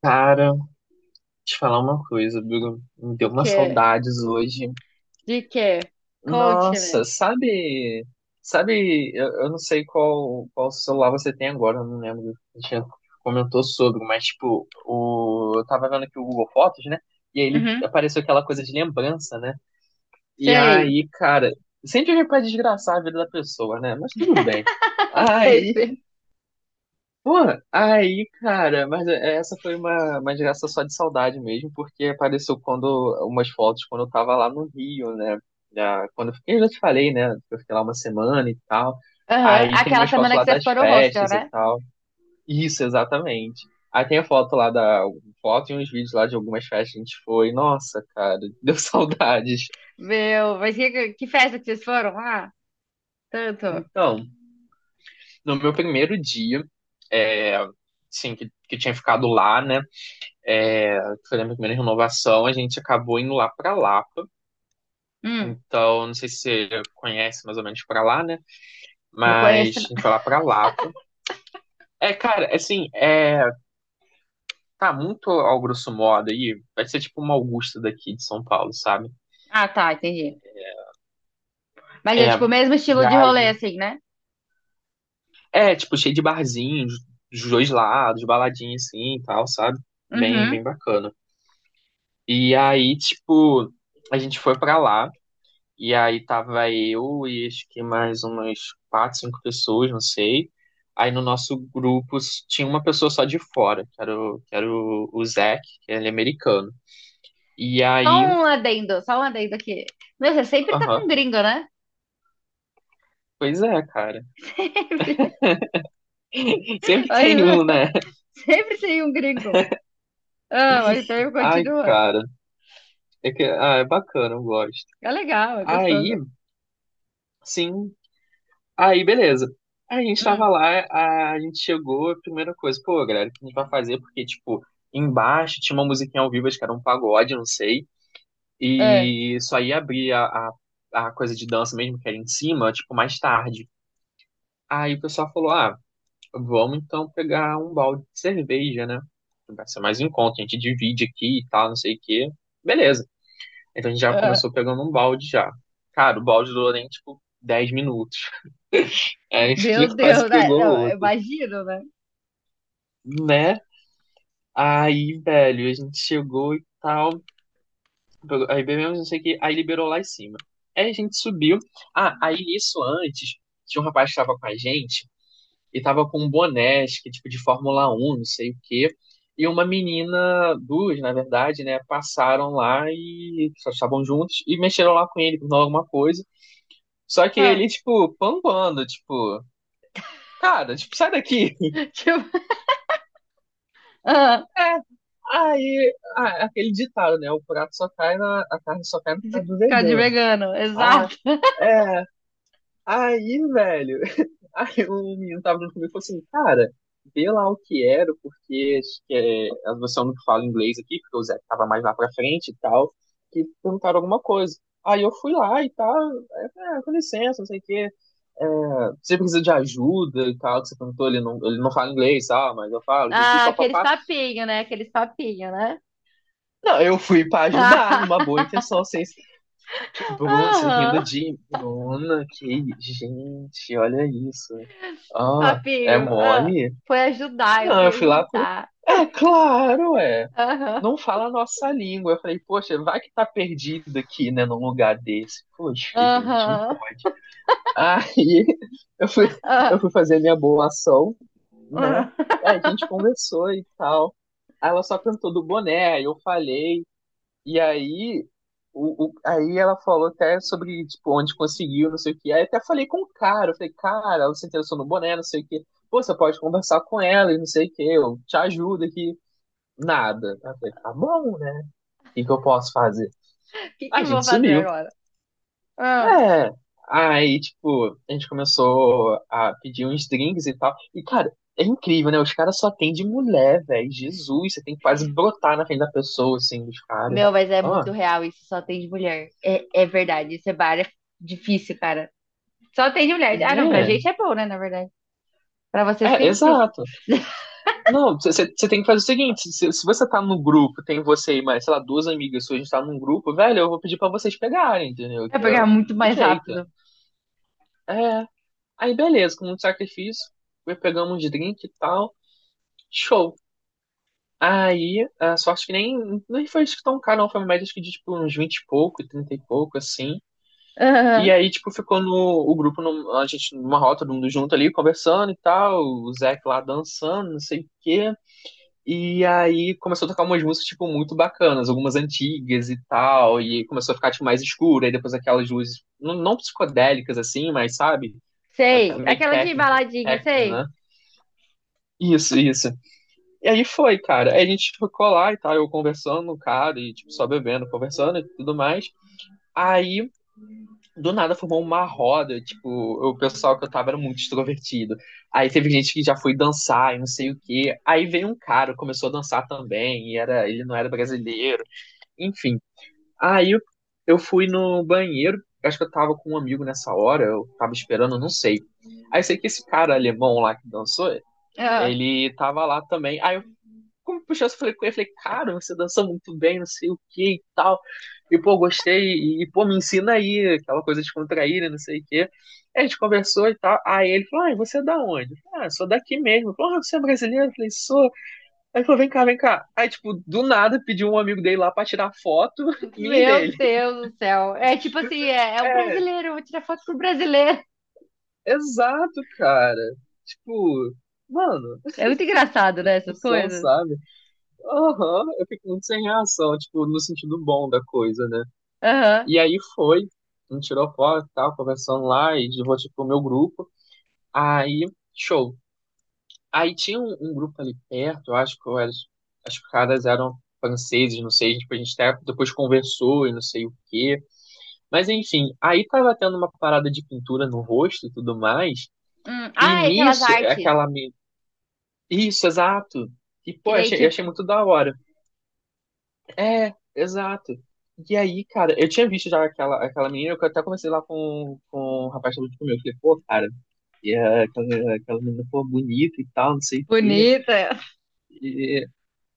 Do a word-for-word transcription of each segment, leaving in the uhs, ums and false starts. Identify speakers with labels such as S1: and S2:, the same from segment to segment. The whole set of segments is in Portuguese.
S1: Cara, te falar uma coisa, Bruno. Me deu
S2: O
S1: umas
S2: quê?
S1: saudades hoje.
S2: De quê? Conte-me.
S1: Nossa, sabe? Sabe, eu, eu não sei qual, qual celular você tem agora, eu não lembro. A gente já comentou sobre, mas tipo, o, eu tava vendo aqui o Google Fotos, né? E aí ele
S2: Uhum.
S1: apareceu aquela coisa de lembrança, né? E
S2: Sei.
S1: aí, cara, sempre a gente pode desgraçar a vida da pessoa, né? Mas tudo bem. Aí
S2: Sempre.
S1: Pô, aí, cara, mas é, essa foi uma, uma geração só de saudade mesmo, porque apareceu quando umas fotos quando eu tava lá no Rio, né? Já- quando eu fiquei, eu já te falei, né? que Eu fiquei lá uma semana e tal.
S2: Aham.
S1: Aí tem
S2: Aquela
S1: umas fotos
S2: semana que
S1: lá
S2: você
S1: das
S2: ficou no hostel,
S1: festas e
S2: né?
S1: tal. Isso, exatamente. Aí tem a foto lá da um foto e uns vídeos lá de algumas festas que a gente foi. Nossa, cara, deu saudades.
S2: Meu, mas que, que festa que vocês foram lá? Tanto.
S1: Então, no meu primeiro dia, é, assim, que, que eu tinha ficado lá, né? É, que foi a minha primeira renovação, a gente acabou indo lá para Lapa.
S2: Hum,
S1: Então, não sei se você conhece mais ou menos para lá, né?
S2: não
S1: Mas
S2: conheço.
S1: a
S2: Não.
S1: gente foi lá para Lapa. É, cara, assim, é, tá muito ao grosso modo aí. Vai ser tipo uma Augusta daqui de São Paulo, sabe?
S2: Ah, tá, entendi. Mas
S1: É,
S2: é
S1: é,
S2: tipo o mesmo estilo
S1: e
S2: de rolê,
S1: aí.
S2: assim, né?
S1: É, tipo, cheio de barzinhos dos dois lados, baladinha assim e tal, sabe? Bem,
S2: Uhum.
S1: bem bacana. E aí, tipo, a gente foi pra lá. E aí tava eu e acho que mais umas quatro, cinco pessoas, não sei. Aí no nosso grupo s- tinha uma pessoa só de fora, que era o, que era o, o Zac, que ele é americano. E
S2: Só
S1: aí,
S2: um adendo, só um adendo aqui. Meu, você sempre tá com
S1: aham,
S2: um gringo, né?
S1: pois é, cara.
S2: Sempre.
S1: Sempre
S2: Mas,
S1: tem
S2: ah,
S1: um, né?
S2: sempre tem um gringo. Ah, mas então
S1: Ai,
S2: continua.
S1: cara. É que, ah, é bacana, eu gosto.
S2: É legal, é
S1: Aí,
S2: gostoso.
S1: sim, aí beleza. Aí a gente tava
S2: Hum,
S1: lá, a, a gente chegou, a primeira coisa, pô, galera, o que a gente vai fazer? Porque, tipo, embaixo tinha uma musiquinha ao vivo, acho que era um pagode, não sei.
S2: é.
S1: E só ia abrir a, a, a coisa de dança mesmo, que era em cima, tipo, mais tarde. Aí o pessoal falou, ah, vamos então pegar um balde de cerveja, né? Vai ser mais um encontro, a gente divide aqui e tal, não sei o quê. Beleza. Então a gente já
S2: É.
S1: começou pegando um balde já. Cara, o balde durou nem, tipo, dez minutos. Aí a gente já
S2: Meu
S1: quase
S2: Deus, né?
S1: pegou
S2: Não, eu
S1: outro,
S2: imagino, né?
S1: né? Aí, velho, a gente chegou e tal. Pegou- Aí bebemos, não sei o que, aí liberou lá em cima. Aí a gente subiu. Ah, aí isso antes, tinha um rapaz que tava com a gente e tava com um boné, acho que tipo de Fórmula um não sei o quê. E uma menina, duas, na verdade, né, passaram lá e só estavam juntos e mexeram lá com ele, perguntaram alguma coisa. Só que
S2: Ah,
S1: ele, tipo, pambando, tipo, cara, tipo, sai daqui.
S2: tipo, ah,
S1: É, aí, ah, aquele ditado, né, o prato só cai na, a carne só cai no prato do
S2: cara de
S1: vegano.
S2: vegano,
S1: Ah,
S2: exato.
S1: é. Aí, velho, aí o menino tava junto comigo e falou assim, cara, vê lá o que era, porque acho que é, a versão não fala inglês aqui, porque o Zé tava mais lá pra frente e tal, que perguntaram alguma coisa. Aí eu fui lá e tal, é, é, com licença, não sei o quê, é, você precisa de ajuda e tal, que você perguntou, ele não, ele não fala inglês, ah, mas eu falo, e
S2: Ah, aqueles
S1: papapá.
S2: papinhos, né? Aqueles papinhos, né?
S1: Não, eu fui pra ajudar, numa boa intenção, sem... Que Bruno, você rindo
S2: Aham,
S1: de Bruna, que gente, olha isso.
S2: os
S1: Ah, é
S2: papinho. Ah.
S1: mole?
S2: Foi ajudar, eu
S1: Não,
S2: fui
S1: eu fui lá por...
S2: ajudar.
S1: É claro, é.
S2: Aham,
S1: Não fala a nossa língua. Eu falei, poxa, vai que tá perdido aqui, né, num lugar desse. Poxa, gente, não
S2: aham,
S1: pode. Aí eu fui, eu
S2: ah,
S1: fui fazer minha boa ação, né?
S2: ah.
S1: Aí a gente conversou e tal. Aí ela só perguntou do boné, aí eu falei. E aí, o, o- aí ela falou até sobre, tipo, onde conseguiu, não sei o quê. Aí até falei com o cara, eu falei, cara, ela se interessou no boné, não sei o quê. Pô, você pode conversar com ela e não sei o quê, eu te ajudo aqui. Nada. Aí eu falei, tá bom, né? O que que eu posso fazer?
S2: O que que
S1: A
S2: eu vou
S1: gente
S2: fazer
S1: sumiu.
S2: agora? Ah.
S1: É. Aí, tipo, a gente começou a pedir uns drinks e tal. E, cara, é incrível, né? Os caras só tem de mulher, velho. Jesus, você tem que quase brotar na frente da pessoa, assim, dos caras.
S2: Meu, mas é
S1: Ó,
S2: muito real isso, só tem de mulher. É, é verdade, esse bar é difícil, cara. Só tem de mulher. Ah, não, pra
S1: né?
S2: gente é bom, né, na verdade. Pra vocês que é
S1: É,
S2: difícil.
S1: exato. Não, você tem que fazer o seguinte: se, se você tá no grupo, tem você e mais, sei lá, duas amigas suas, a gente tá num grupo, velho, eu vou pedir pra vocês pegarem, entendeu?
S2: É
S1: Que é
S2: pegar
S1: o
S2: muito
S1: o
S2: mais
S1: jeito.
S2: rápido.
S1: É. Aí, beleza, com muito sacrifício, foi, pegamos uns drink e tal, show. Aí, a sorte que nem, nem foi isso que tão caro, não, foi uma média acho que de tipo uns vinte e pouco, trinta e pouco, assim. E
S2: Aham.
S1: aí, tipo, ficou no, o grupo, num- a gente numa rota, todo mundo junto ali, conversando e tal, o Zé lá dançando, não sei o quê. E aí começou a tocar umas músicas, tipo, muito bacanas, algumas antigas e tal, e começou a ficar, tipo, mais escuro, aí depois aquelas luzes, não, não psicodélicas assim, mas sabe? Aquela
S2: Sei.
S1: meio que
S2: Aquela de
S1: técnico,
S2: baladinha,
S1: técnico,
S2: sei.
S1: né? Isso, isso. E aí foi, cara. Aí a gente ficou lá e tal, eu conversando com o cara, e, tipo, só bebendo, conversando e tudo mais. Aí do nada formou uma roda, tipo, o pessoal que eu tava era muito extrovertido. Aí teve gente que já foi dançar e não sei o quê. Aí veio um cara, começou a dançar também, e era, ele não era brasileiro, enfim. Aí eu, eu fui no banheiro, acho que eu tava com um amigo nessa hora, eu tava esperando, não sei. Aí sei que esse cara alemão lá que dançou,
S2: Ah,
S1: ele tava lá também. Aí como puxou, eu falei com ele, falei, cara, você dança muito bem, não sei o que e tal. E, pô, gostei, e, pô, me ensina aí, aquela coisa de contrair, né, não sei o que. A gente conversou e tal. Aí ele falou, ah, e você é da onde? Eu falei, ah, sou daqui mesmo. Ele falou, ah, você é brasileiro? Eu falei, sou. Aí ele falou, vem cá, vem cá. Aí, tipo, do nada, pediu um amigo dele lá pra tirar foto, mim e
S2: meu
S1: dele.
S2: Deus do céu. É tipo assim, é, é um
S1: É,
S2: brasileiro, eu vou tirar foto com o brasileiro.
S1: exato, cara. Tipo, mano,
S2: É muito engraçado, né, essas
S1: discussão,
S2: coisas.
S1: sabe? Aham, eu fico muito sem reação, tipo, no sentido bom da coisa, né?
S2: Aham.
S1: E aí foi, a gente tirou foto e tal, conversando lá, e de rosto pro meu grupo. Aí, show. Aí tinha um, um grupo ali perto, eu acho que eu era- as caras eram franceses, não sei, tipo, a gente até depois conversou e não sei o quê. Mas enfim, aí tava tendo uma parada de pintura no rosto e tudo mais,
S2: Hum.
S1: e
S2: Ah, e aquelas
S1: nisso, é
S2: artes.
S1: aquela... me- Isso, exato. E,
S2: Que
S1: pô, eu
S2: daí,
S1: achei, eu
S2: tipo,
S1: achei muito da hora. É, exato. E aí, cara, eu tinha visto já aquela, aquela menina, eu até conversei lá com, com o rapaz que tava junto comigo. Eu falei, pô, cara, e, é, aquela, aquela, menina, pô, bonita e tal, não sei o quê.
S2: bonita.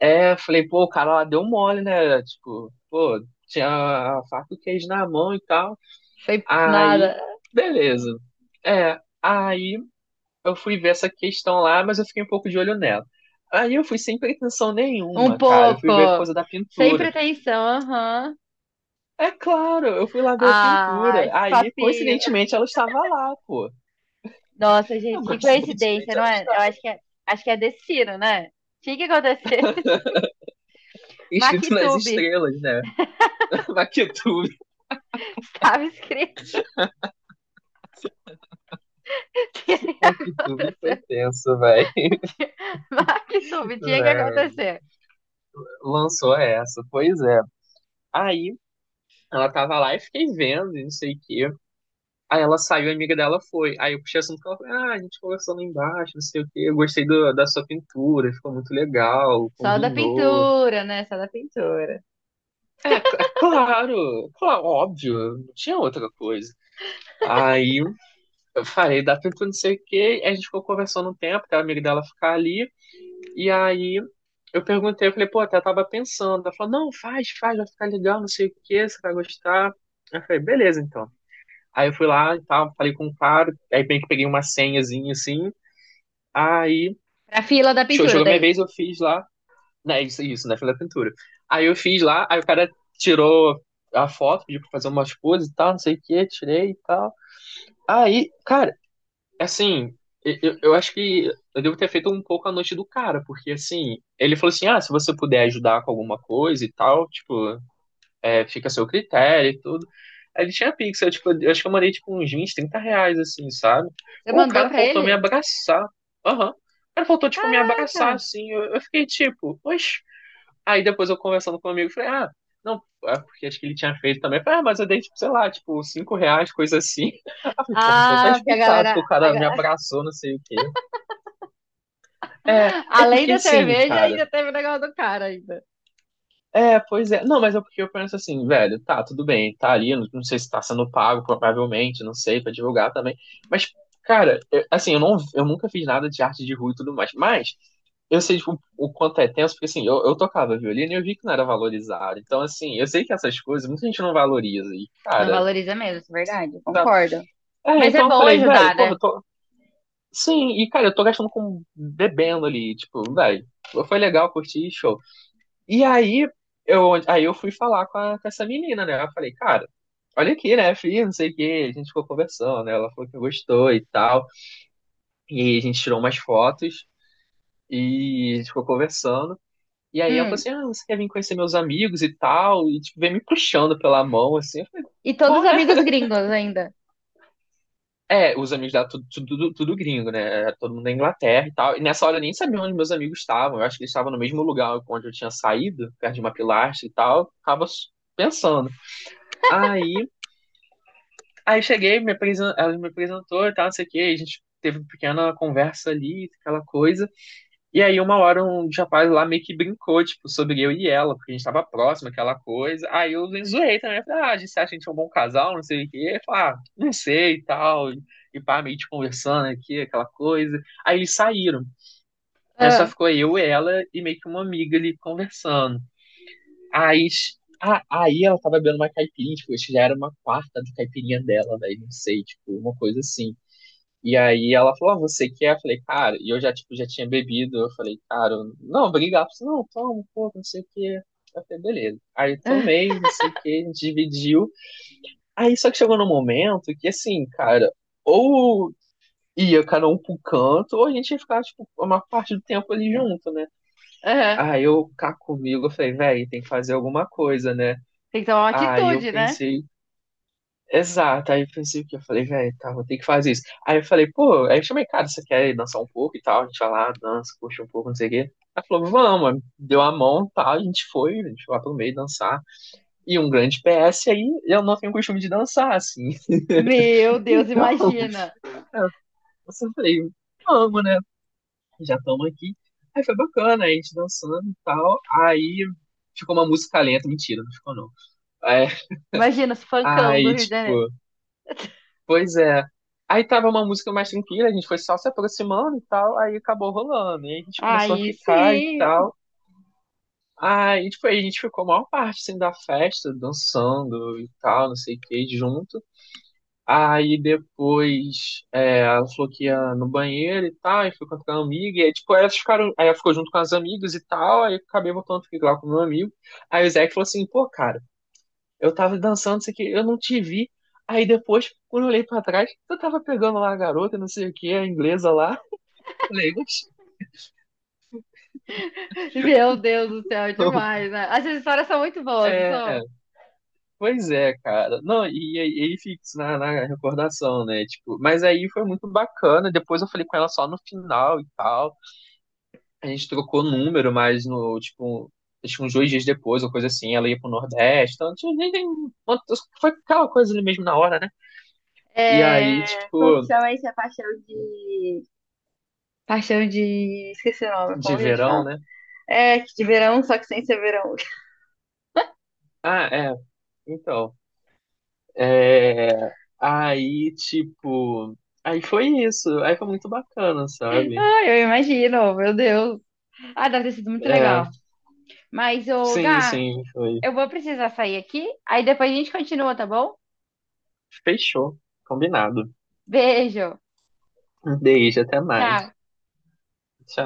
S1: É, eu falei, pô, o cara lá deu mole, né? Tipo, pô, tinha a faca e o queijo na mão e tal.
S2: Sem
S1: Aí,
S2: nada.
S1: beleza. É, aí eu fui ver essa questão lá, mas eu fiquei um pouco de olho nela. Aí eu fui sem pretensão
S2: Um
S1: nenhuma, cara. Eu
S2: pouco.
S1: fui ver coisa da
S2: Sem
S1: pintura.
S2: pretensão, aham.
S1: É claro, eu fui lá ver a
S2: Ah,
S1: pintura.
S2: esse
S1: Aí,
S2: papinho.
S1: coincidentemente, ela estava lá, pô.
S2: Nossa, gente, que coincidência,
S1: Coincidentemente,
S2: não
S1: ela
S2: é? Eu
S1: estava.
S2: acho que é, acho que é destino, né? Tinha que acontecer.
S1: Escrito nas
S2: MacTube.
S1: estrelas, né? MacTube.
S2: Estava escrito. Tinha que
S1: MacTube foi
S2: acontecer.
S1: tenso, velho.
S2: Tinha... MacTube, tinha que acontecer.
S1: Lançou essa, pois é. Aí, ela tava lá e fiquei vendo, e não sei o quê. Aí ela saiu, a amiga dela foi. Aí eu puxei assunto com ela, falei, ah, a gente conversou lá embaixo, não sei o quê. Eu gostei do- da sua pintura, ficou muito legal,
S2: Só da
S1: combinou.
S2: pintura, né? Só da pintura.
S1: É, c- é claro, claro, óbvio, não tinha outra coisa. Aí eu falei, dá tempo, não sei o quê. A gente ficou conversando um tempo, até a amiga dela ficar ali. E aí eu perguntei, eu falei, pô, até tava pensando. Ela falou, não, faz, faz, vai ficar legal, não sei o quê, você vai gostar. Eu falei, beleza, então. Aí eu fui lá e tal, falei com o cara, aí bem que peguei uma senhazinha assim. Aí,
S2: Pra fila da
S1: show,
S2: pintura,
S1: chegou a minha
S2: daí.
S1: vez, eu fiz lá. Né, isso, isso, né? Falei da pintura. Aí eu fiz lá, aí o cara tirou a foto, pediu pra fazer umas poses e tal, não sei o quê, tirei e tal. Aí, cara. Assim, e- eu, eu acho que eu devo ter feito um pouco a noite do cara, porque assim, ele falou assim, ah, se você puder ajudar com alguma coisa e tal, tipo, é, fica a seu critério e tudo. Aí ele tinha Pix, eu, tipo, eu acho que eu mandei tipo uns vinte, trinta reais, assim, sabe?
S2: Você
S1: Ou o
S2: mandou
S1: cara
S2: pra
S1: faltou me
S2: ele?
S1: abraçar. Aham. O cara faltou, tipo, me abraçar,
S2: Caraca!
S1: assim. Eu, eu fiquei tipo, oxe. Aí depois eu conversando com um amigo, falei, ah, não, é porque acho que ele tinha feito também. Eu Falei, ah, mas eu dei, tipo, sei lá, tipo, cinco reais, coisa assim. Aí eu falei, porra, então tá
S2: Ah, porque a
S1: explicado que
S2: galera.
S1: o
S2: A
S1: cara
S2: ga-
S1: me abraçou, não sei o quê. É, é
S2: além
S1: porque
S2: da
S1: sim,
S2: cerveja,
S1: cara.
S2: ainda teve o negócio do cara ainda.
S1: É, pois é. Não, mas é porque eu penso assim, velho, tá, tudo bem, tá ali, não, não sei se tá sendo pago, provavelmente, não sei, pra divulgar também. Mas, cara, eu- assim, eu, não, eu nunca fiz nada de arte de rua e tudo mais, mas eu sei, tipo, o quanto é tenso, porque assim, eu, eu tocava violino e eu vi que não era valorizado. Então, assim, eu sei que essas coisas muita gente não valoriza. E,
S2: Não
S1: cara,
S2: valoriza mesmo, isso é verdade,
S1: tá.
S2: concordo.
S1: É,
S2: Mas é
S1: então eu
S2: bom
S1: falei,
S2: ajudar,
S1: velho, porra,
S2: né?
S1: eu tô. Sim, e cara, eu tô gastando com bebendo ali, tipo, velho, foi legal, curti, show. E aí eu, aí eu fui falar com, a- com essa menina, né? Eu falei, cara, olha aqui, né, filho, não sei o quê. A gente ficou conversando, né? Ela falou que gostou e tal. E a gente tirou umas fotos e a gente ficou conversando. E aí ela falou
S2: Hum.
S1: assim: ah, você quer vir conhecer meus amigos e tal? E tipo, vem me puxando pela mão, assim. Eu falei,
S2: E todos
S1: bom,
S2: os
S1: né?
S2: amigos gringos ainda.
S1: É, os amigos dela, tudo, tudo, tudo gringo, né? Todo mundo da Inglaterra e tal. E nessa hora eu nem sabia onde meus amigos estavam. Eu acho que eles estavam no mesmo lugar onde eu tinha saído, perto de uma pilastra e tal. Tava pensando. Aí, aí cheguei, me apresen- ela me apresentou e tal, não sei o quê. A gente teve uma pequena conversa ali, aquela coisa. E aí, uma hora, um dos rapazes lá meio que brincou, tipo, sobre eu e ela, porque a gente tava próximo, aquela coisa. Aí eu zoei também, falei, ah, a gente acha que a gente é um bom casal, não sei o quê. Ele falou, ah, não sei e tal. E, e pá, meio que conversando aqui, aquela coisa. Aí eles saíram. Aí só
S2: Ah,
S1: ficou eu, ela e meio que uma amiga ali conversando. Aí, ah, aí ela tava bebendo uma caipirinha, tipo, acho que já era uma quarta da caipirinha dela, velho, não sei, tipo, uma coisa assim. E aí ela falou, ah, você quer? Eu falei, cara, e eu já, tipo, já tinha bebido. Eu falei, cara, eu- não, obrigado. Ela falou, não, toma um pouco, não sei o quê. Eu falei, beleza. Aí eu
S2: ah,
S1: tomei, não sei o quê, a gente dividiu. Aí só que chegou num momento que, assim, cara, ou ia cada um pro canto, ou a gente ia ficar, tipo, uma parte do tempo ali junto, né?
S2: aham.
S1: Aí eu cá comigo, eu falei, velho, tem que fazer alguma coisa, né?
S2: Tem que tomar uma
S1: Aí eu
S2: atitude, né?
S1: pensei Exato, aí eu pensei que eu falei, velho, tá, vou ter que fazer isso. Aí eu falei, pô, aí eu chamei, cara, você quer dançar um pouco e tal? A gente vai lá, dança, curte um pouco, não sei o quê. Ela falou, vamos, deu a mão e tal, a gente foi, a gente foi lá pro meio dançar. E um grande P S, aí eu não tenho costume de dançar, assim.
S2: Meu Deus,
S1: Então,
S2: imagina.
S1: eu só falei, vamos, né? Já estamos aqui. Aí foi bacana, aí a gente dançando e tal. Aí ficou uma música lenta, mentira, não ficou não. É,
S2: Imagina os funkão do
S1: aí,
S2: Rio de Janeiro.
S1: tipo, pois é. Aí tava uma música mais tranquila, a gente foi só se aproximando e tal, aí acabou rolando. E aí a gente começou a
S2: Aí
S1: ficar e
S2: sim.
S1: tal. Aí, tipo, aí a gente ficou a maior parte, assim, da festa, dançando e tal, não sei o que, junto. Aí depois é, ela falou que ia no banheiro e tal, e foi com a amiga, e aí, tipo, elas ficaram, aí ela ficou junto com as amigas e tal, aí eu acabei voltando a ficar lá com o meu amigo. Aí o Zé falou assim, pô, cara, eu tava dançando, não sei o que, eu não te vi. Aí depois, quando eu olhei pra trás, eu tava pegando lá a garota, não sei o que, a inglesa lá. Falei, mas.
S2: Meu Deus do céu,
S1: Não.
S2: demais, né? Essas histórias são muito boas, não
S1: É,
S2: são?
S1: pois é, cara. Não, e aí ele fica na, na recordação, né? Tipo, mas aí foi muito bacana. Depois eu falei com ela só no final e tal. A gente trocou número, mas no, tipo, acho que uns dois dias depois, ou coisa assim, ela ia pro Nordeste. Então, tipo, nem, nem, foi aquela coisa ali mesmo na hora, né? E aí,
S2: É... Como que
S1: tipo,
S2: chama isso? É paixão de... Paixão de... Esqueci o nome, como
S1: de
S2: a gente
S1: verão,
S2: fala?
S1: né?
S2: É, de verão, só que sem ser verão.
S1: Ah, é, então. É, aí, tipo, aí foi isso. Aí foi muito bacana, sabe?
S2: Ah, eu imagino, meu Deus. Ah, deve ter sido muito
S1: É,
S2: legal. Mas, ô,
S1: sim,
S2: Gá,
S1: sim, foi.
S2: eu vou precisar sair aqui, aí depois a gente continua, tá bom?
S1: Fechou. Combinado.
S2: Beijo.
S1: Um beijo, até mais.
S2: Tchau.
S1: Tchau.